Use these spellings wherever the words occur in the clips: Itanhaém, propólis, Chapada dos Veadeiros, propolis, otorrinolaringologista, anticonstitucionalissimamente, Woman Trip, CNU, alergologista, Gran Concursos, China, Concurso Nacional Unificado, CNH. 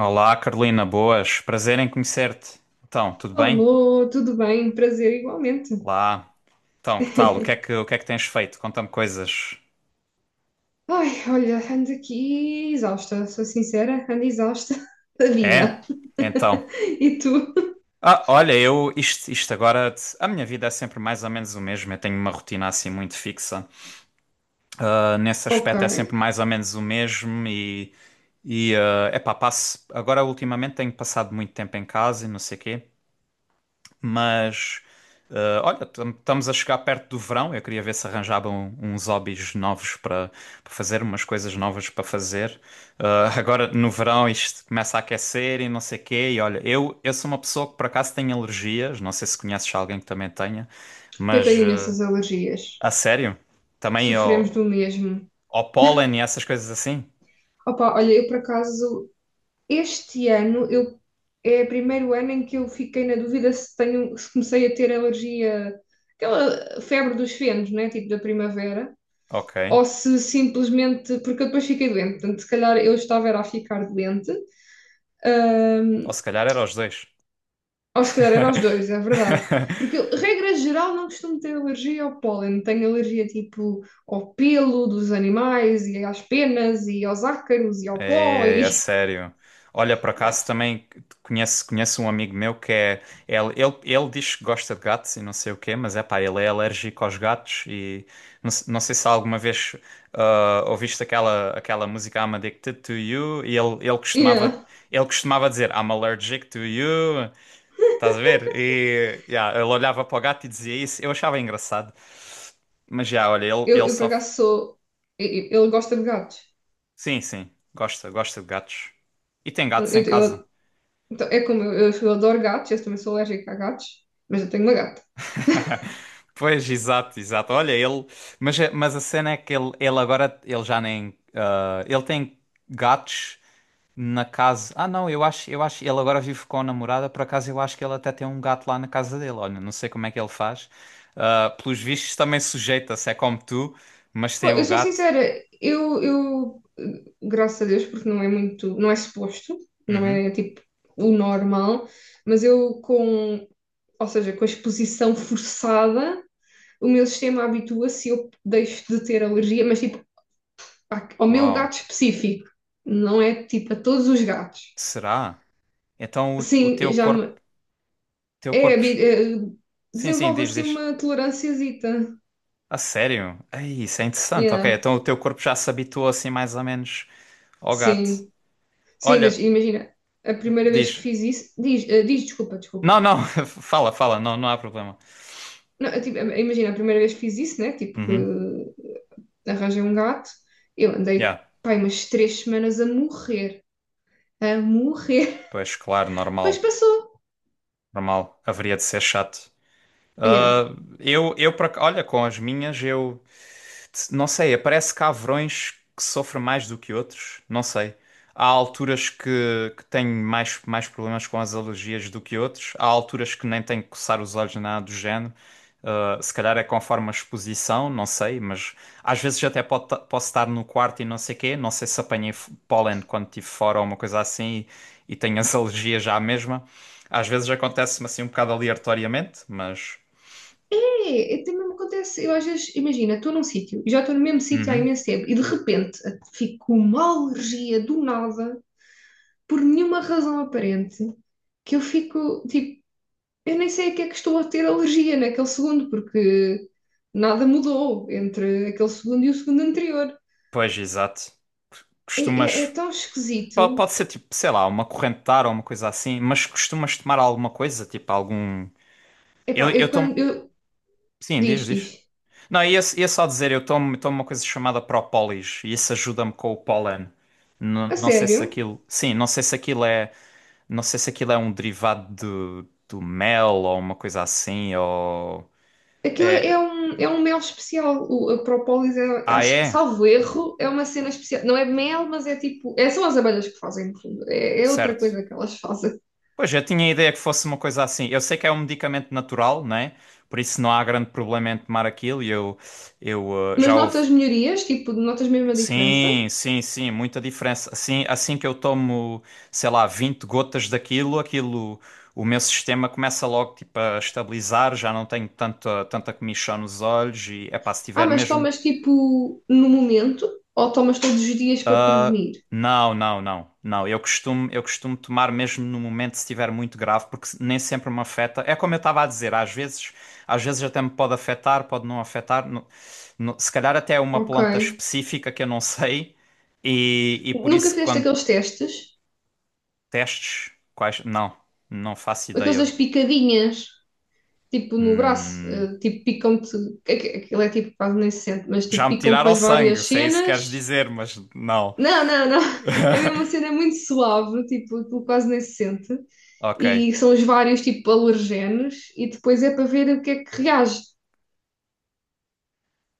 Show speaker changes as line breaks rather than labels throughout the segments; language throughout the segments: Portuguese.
Olá, Carolina, boas. Prazer em conhecer-te. Então, tudo bem?
Alô, tudo bem? Prazer igualmente.
Lá. Então, que tal? O que é que tens feito? Conta-me coisas.
Ai, olha, ando aqui exausta, sou sincera, ando exausta da
É?
vida.
Então.
E tu?
Ah, olha, eu isto agora, a minha vida é sempre mais ou menos o mesmo. Eu tenho uma rotina assim muito fixa. Ah, nesse
Ok,
aspecto é sempre mais ou menos o mesmo, e é epá, passo. Agora ultimamente tenho passado muito tempo em casa e não sei quê. Mas, olha, estamos a chegar perto do verão. Eu queria ver se arranjavam um, uns hobbies novos para fazer, umas coisas novas para fazer. Agora, no verão, isto começa a aquecer e não sei quê. E olha, eu sou uma pessoa que por acaso tem alergias. Não sei se conheces alguém que também tenha,
eu
mas
tenho imensas alergias.
a sério, também
Sofremos
ao,
do mesmo.
ao pólen e essas coisas assim?
Opa, olha, eu por acaso, este ano, é o primeiro ano em que eu fiquei na dúvida se tenho, se comecei a ter alergia, aquela febre dos fenos, né? Tipo da primavera.
Ok.
Ou se simplesmente, porque eu depois fiquei doente, portanto, se calhar eu estava era a ficar doente.
Ou
Ahm,
se calhar era os dois.
ou se calhar era aos dois, é verdade. Porque eu, regra geral, não costumo ter alergia ao pólen. Tenho alergia tipo ao pelo dos animais e às penas e aos ácaros e ao pó
É,
e
é sério. Olha, por
yeah.
acaso também conheço um amigo meu que é. Ele diz que gosta de gatos e não sei o quê, mas é pá, ele é alérgico aos gatos e não, não sei se alguma vez ouviste aquela música I'm Addicted to You, e ele costumava,
Yeah.
ele costumava dizer I'm allergic to you. Estás a ver? E yeah, ele olhava para o gato e dizia isso. Eu achava engraçado. Mas já, olha, ele,
Eu,
ele
eu, por
sofre.
acaso, sou e- ele gosta de gatos.
Sim, sim, gosta, gosta de gatos. E tem
Eu,
gatos em casa.
eu- então, é como eu, eu adoro gatos, eu também sou alérgica a gatos, mas eu tenho uma gata.
Pois, exato, exato. Olha, ele. Mas, mas a cena é que ele agora. Ele já nem. Ah, ele tem gatos na casa. Ah, não, eu acho. Ele agora vive com a namorada. Por acaso, eu acho que ele até tem um gato lá na casa dele. Olha, não sei como é que ele faz. Ah, pelos vistos, também sujeita-se. É como tu, mas
Pô,
tem
eu
o
sou
gato.
sincera, eu, graças a Deus, porque não é muito, não é suposto, não
Uhum.
é tipo o normal, mas ou seja, com a exposição forçada, o meu sistema habitua-se e eu deixo de ter alergia, mas tipo ao meu gato
Uau.
específico, não é tipo a todos os gatos.
Será? Então o
Sim,
teu
já me,
corpo. Teu
é,
corpo.
habi- eh,
Sim, sim,
desenvolve
diz,
assim
diz.
uma tolerânciazita.
A sério? Ei, isso é interessante. Ok,
Yeah,
então o teu corpo já se habituou assim mais ou menos. Ó gato.
sim. Sim, mas
Olha,
imagina, a primeira vez que
diz.
fiz isso, diz, diz, desculpa,
Não,
desculpa.
não, fala, fala, não, não há problema.
Não, tipo, imagina, a primeira vez que fiz isso, né? Tipo, que
Uhum.
arranjei um gato, eu andei,
Yeah.
pai, umas 3 semanas a morrer,
Pois, claro,
mas
normal.
passou.
Normal. Haveria de ser chato.
Yeah.
Ah, olha, com as minhas, eu não sei, aparece cavrões que sofrem mais do que outros, não sei. Há alturas que tenho mais, mais problemas com as alergias do que outros, há alturas que nem tenho que coçar os olhos nem nada do género. Ah, se calhar é conforme a exposição, não sei, mas às vezes até pode posso estar no quarto e não sei quê, não sei se apanhei pólen quando estive fora ou uma coisa assim e tenho as alergias já à mesma. Às vezes acontece-me assim um bocado aleatoriamente, mas.
É, é, também me acontece, eu às vezes, imagina, estou num sítio, e já estou no mesmo sítio há
Uhum.
imenso tempo, e de repente fico com uma alergia do nada, por nenhuma razão aparente, que eu fico, tipo, eu nem sei a que é que estou a ter alergia naquele segundo, porque nada mudou entre aquele segundo e o segundo anterior.
Pois, exato.
É, é
Costumas.
tão esquisito.
Pode ser tipo, sei lá, uma corrente de ar ou uma coisa assim, mas costumas tomar alguma coisa, tipo algum.
Epá, eu
Eu tomo.
quando. Eu,
Sim,
diz,
diz, diz.
diz.
Não, ia só dizer, eu tomo, tomo uma coisa chamada propolis e isso ajuda-me com o pólen. Não,
A
não sei se
sério?
aquilo. Sim, não sei se aquilo é. Não sei se aquilo é um derivado do, do mel ou uma coisa assim, ou.
Aquilo é um mel especial. O, a propólis é,
Ah,
acho,
é?
salvo erro, é uma cena especial. Não é mel, mas é tipo. É, são as abelhas que fazem, no fundo. É, é outra
Certo.
coisa que elas fazem.
Pois, eu tinha a ideia que fosse uma coisa assim. Eu sei que é um medicamento natural, né? Por isso não há grande problema em tomar aquilo e eu
Mas
já houve.
notas melhorias, tipo, notas mesmo a diferença.
Sim, sim, sim, muita diferença. Assim, assim que eu tomo, sei lá, 20 gotas daquilo, aquilo, o meu sistema começa logo tipo a estabilizar, já não tenho tanta, tanta comichão nos olhos e é pá, se
Ah,
tiver
mas
mesmo
tomas tipo no momento ou tomas todos os dias para
Ah,
prevenir?
não, não, não, não. Eu costumo tomar mesmo no momento se estiver muito grave, porque nem sempre me afeta. É como eu estava a dizer, às vezes até me pode afetar, pode não afetar. Se calhar até é uma
Ok.
planta específica que eu não sei, e por
Nunca
isso
fizeste
quando
aqueles testes?
testes, quais. Não, não faço
Aqueles das
ideia.
picadinhas, tipo no braço,
Hum,
tipo picam-te. Aquilo é tipo quase nem se sente, mas tipo
já me
picam com
tiraram
as várias
sangue, se é isso que queres
cenas.
dizer, mas não.
Não, não, não. É mesmo uma cena muito suave, tipo, aquilo quase nem se sente.
Ok.
E são os vários tipo alergenos, e depois é para ver o que é que reage.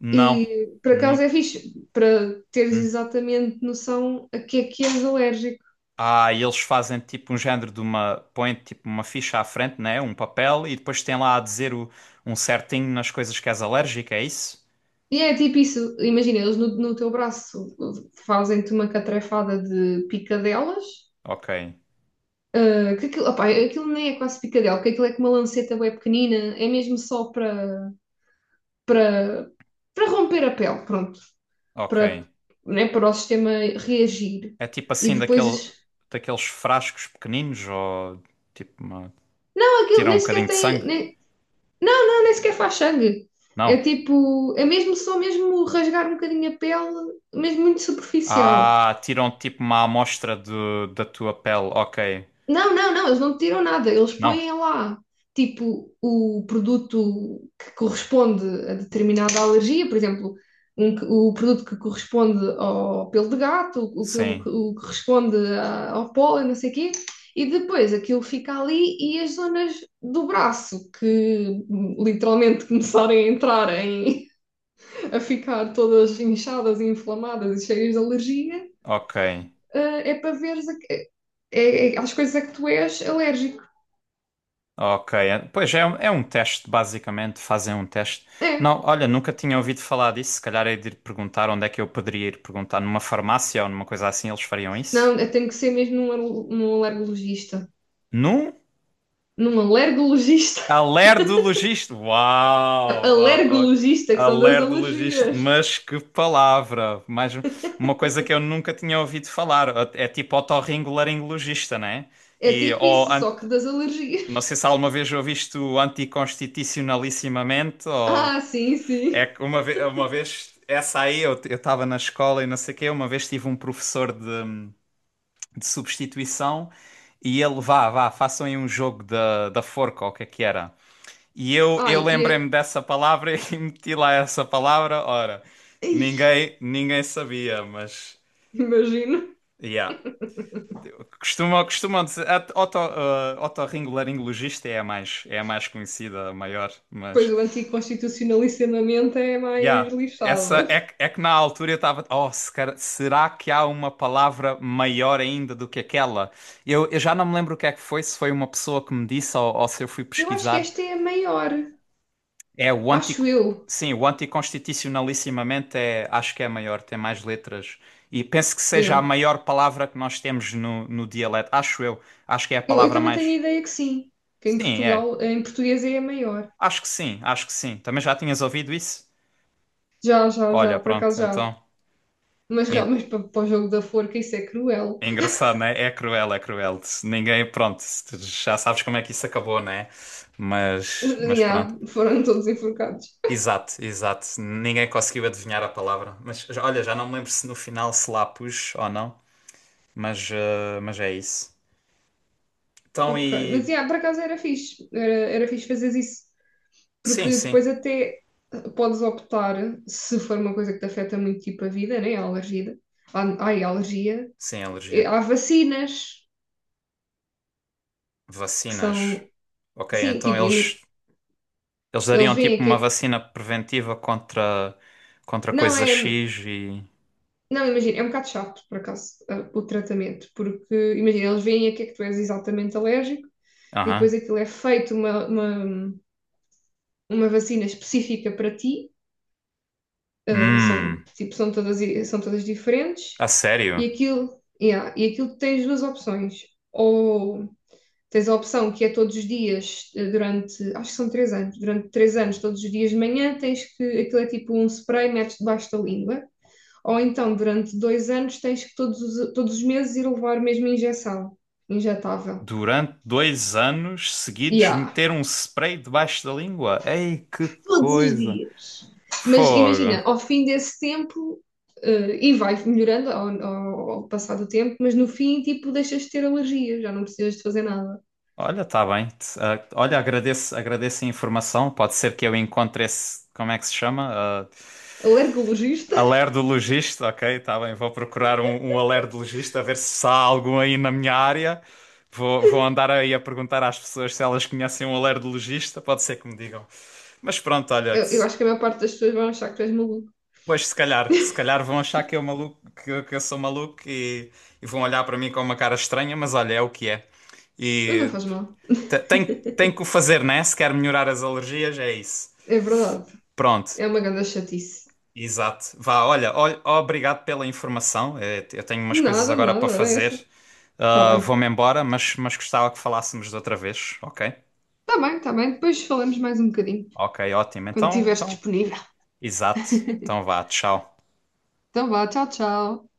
Não.
E por acaso
Não.
é fixe, para teres exatamente noção a que é que és alérgico.
Ah, e eles fazem tipo um género de uma. Põem tipo uma ficha à frente, né? Um papel, e depois tem lá a dizer o, um certinho nas coisas que és alérgico, é isso?
E é tipo isso, imagina, eles no teu braço fazem-te uma catrefada de picadelas,
Ok,
ah, que aquilo, opá, aquilo nem é quase picadela, porque aquilo é com uma lanceta bem pequenina, é mesmo só para para romper a pele, pronto, para,
ok.
né, para o sistema reagir.
É tipo
E
assim daquele,
depois,
daqueles frascos pequeninos ou tipo uma,
não,
que
aquilo
tiram
nem
um
sequer
bocadinho de
tem,
sangue?
nem, não, não, nem sequer faz sangue. É
Não.
tipo, é mesmo só mesmo rasgar um bocadinho a pele, mesmo muito superficial.
Ah, tiram tipo uma amostra do, da tua pele, ok.
Não, não, não, eles não tiram nada, eles
Não.
põem lá, tipo, o produto que corresponde a determinada alergia, por exemplo, o produto que corresponde ao pelo de gato, o, o pelo
Sim,
que o que corresponde ao pólen, não sei o quê, e depois aquilo fica ali e as zonas do braço que literalmente começarem a entrar em, a ficar todas inchadas e inflamadas e cheias de alergia,
ok.
é para veres a, às coisas a que tu és alérgico.
Ok, pois é, é um teste, basicamente, fazem um teste.
É.
Não, olha, nunca tinha ouvido falar disso. Se calhar é de ir perguntar onde é que eu poderia ir perguntar, numa farmácia ou numa coisa assim, eles fariam isso?
Não, eu tenho que ser mesmo num, num alergologista.
Num
Num alergologista?
alergologista.
Não,
Uau, uau, oh,
alergologista, que são das
alergologista,
alergias.
mas que palavra! Mais um, uma coisa que eu nunca tinha ouvido falar. É tipo otorrinolaringologista, né?
É
E,
tipo
ou,
isso, só que das alergias.
não sei se alguma vez ouviste o anticonstitucionalissimamente ou.
Ah, sim,
É
sim.
que uma vez essa aí eu estava na escola e não sei o quê, uma vez tive um professor de substituição e ele, vá, vá, façam aí um jogo da, da forca, ou o que é que era. E eu,
Ai,
eu lembrei-me dessa palavra e meti lá essa palavra, ora,
ai,
ninguém sabia, mas,
imagino.
yeah. Costumam, costumam dizer, otorrinolaringologista é a mais conhecida, a maior,
Pois
mas...
o anticonstitucionalissimamente é mais
Yeah.
lixado.
Essa é, é que na altura eu estava, oh, se cara- será que há uma palavra maior ainda do que aquela? Eu já não me lembro o que é que foi, se foi uma pessoa que me disse ou se eu fui
Eu acho que
pesquisar.
esta é a maior.
É o anti,
Acho eu.
sim, o anticonstitucionalissimamente é, acho que é maior, tem mais letras. E penso que seja
Yeah.
a maior palavra que nós temos no, no dialeto, acho eu. Acho que é a
Eu
palavra
também tenho a
mais.
ideia que sim. Que em
Sim, é.
Portugal, em português é a maior.
Acho que sim, acho que sim. Também já tinhas ouvido isso?
Já, já,
Olha,
já, por acaso
pronto,
já.
então.
Mas, mas para o jogo da forca isso é cruel.
É engraçado, né? É cruel, é cruel. Se Ninguém, pronto, se tu já sabes como é que isso acabou, né? Mas pronto.
Yeah, foram todos enforcados.
Exato, exato. Ninguém conseguiu adivinhar a palavra. Mas olha, já não me lembro se no final se lá pus ou não. Mas, mas é isso. Então
Ok, mas
e.
yeah, por acaso era fixe, era fixe fazer isso,
Sim,
porque
sim.
depois até podes optar, se for uma coisa que te afeta muito tipo a vida, né? A alergia, a, ai, a alergia.
Sim, alergia.
Há vacinas que
Vacinas.
são,
Ok,
sim,
então
tipo,
eles
eles
dariam
veem
tipo
aqui,
uma vacina preventiva contra, contra
não
coisa
é,
X e.
não, imagina, é um bocado chato, por acaso, ah, o tratamento, porque, imagina, eles veem a que é que tu és exatamente alérgico e depois
Aham.
aquilo é feito uma vacina específica para ti. São,
Hum,
tipo, são todas diferentes
a sério?
e aquilo, yeah, e aquilo tens duas opções. Ou tens a opção que é todos os dias, durante, acho que são 3 anos, durante 3 anos, todos os dias de manhã, tens que, aquilo é tipo um spray, metes debaixo da língua. Ou então, durante 2 anos, tens que todos os meses ir levar mesmo injeção injetável.
Durante 2 anos seguidos,
Yeah.
meter um spray debaixo da língua. Ei, que
Todos os
coisa!
dias. Mas
Fogo!
imagina, ao fim desse tempo, e vai melhorando ao passar do tempo, mas no fim, tipo, deixas de ter alergias, já não precisas de fazer nada.
Olha, tá bem. Olha, agradeço a informação. Pode ser que eu encontre esse. Como é que se chama? Ah,
Alergologista?
alergologista, ok, tá bem. Vou procurar um, um alergologista, a ver se há algum aí na minha área. Vou, vou andar aí a perguntar às pessoas se elas conhecem um alergologista, pode ser que me digam. Mas pronto, olha,
Eu acho que a maior parte das pessoas vão achar que tu és maluco,
pois, se calhar, se calhar vão achar que eu, maluco, que eu sou maluco e vão olhar para mim com uma cara estranha, mas olha, é o que é.
mas não
E
faz mal,
tem, tem que o fazer, né? Se quer melhorar as alergias, é isso.
é verdade,
Pronto,
é uma grande chatice.
exato. Vá, olha, olha, obrigado pela informação. Eh, eu tenho umas coisas
Nada,
agora para
nada, era
fazer.
essa. Tá
Ah,
bem,
vou-me embora, mas gostava que falássemos de outra vez, ok?
tá bem, depois falamos mais um bocadinho,
Ok, ótimo.
quando
Então,
estiveres
então,
disponível.
exato. Então vá, tchau.
Então vá, tchau, tchau.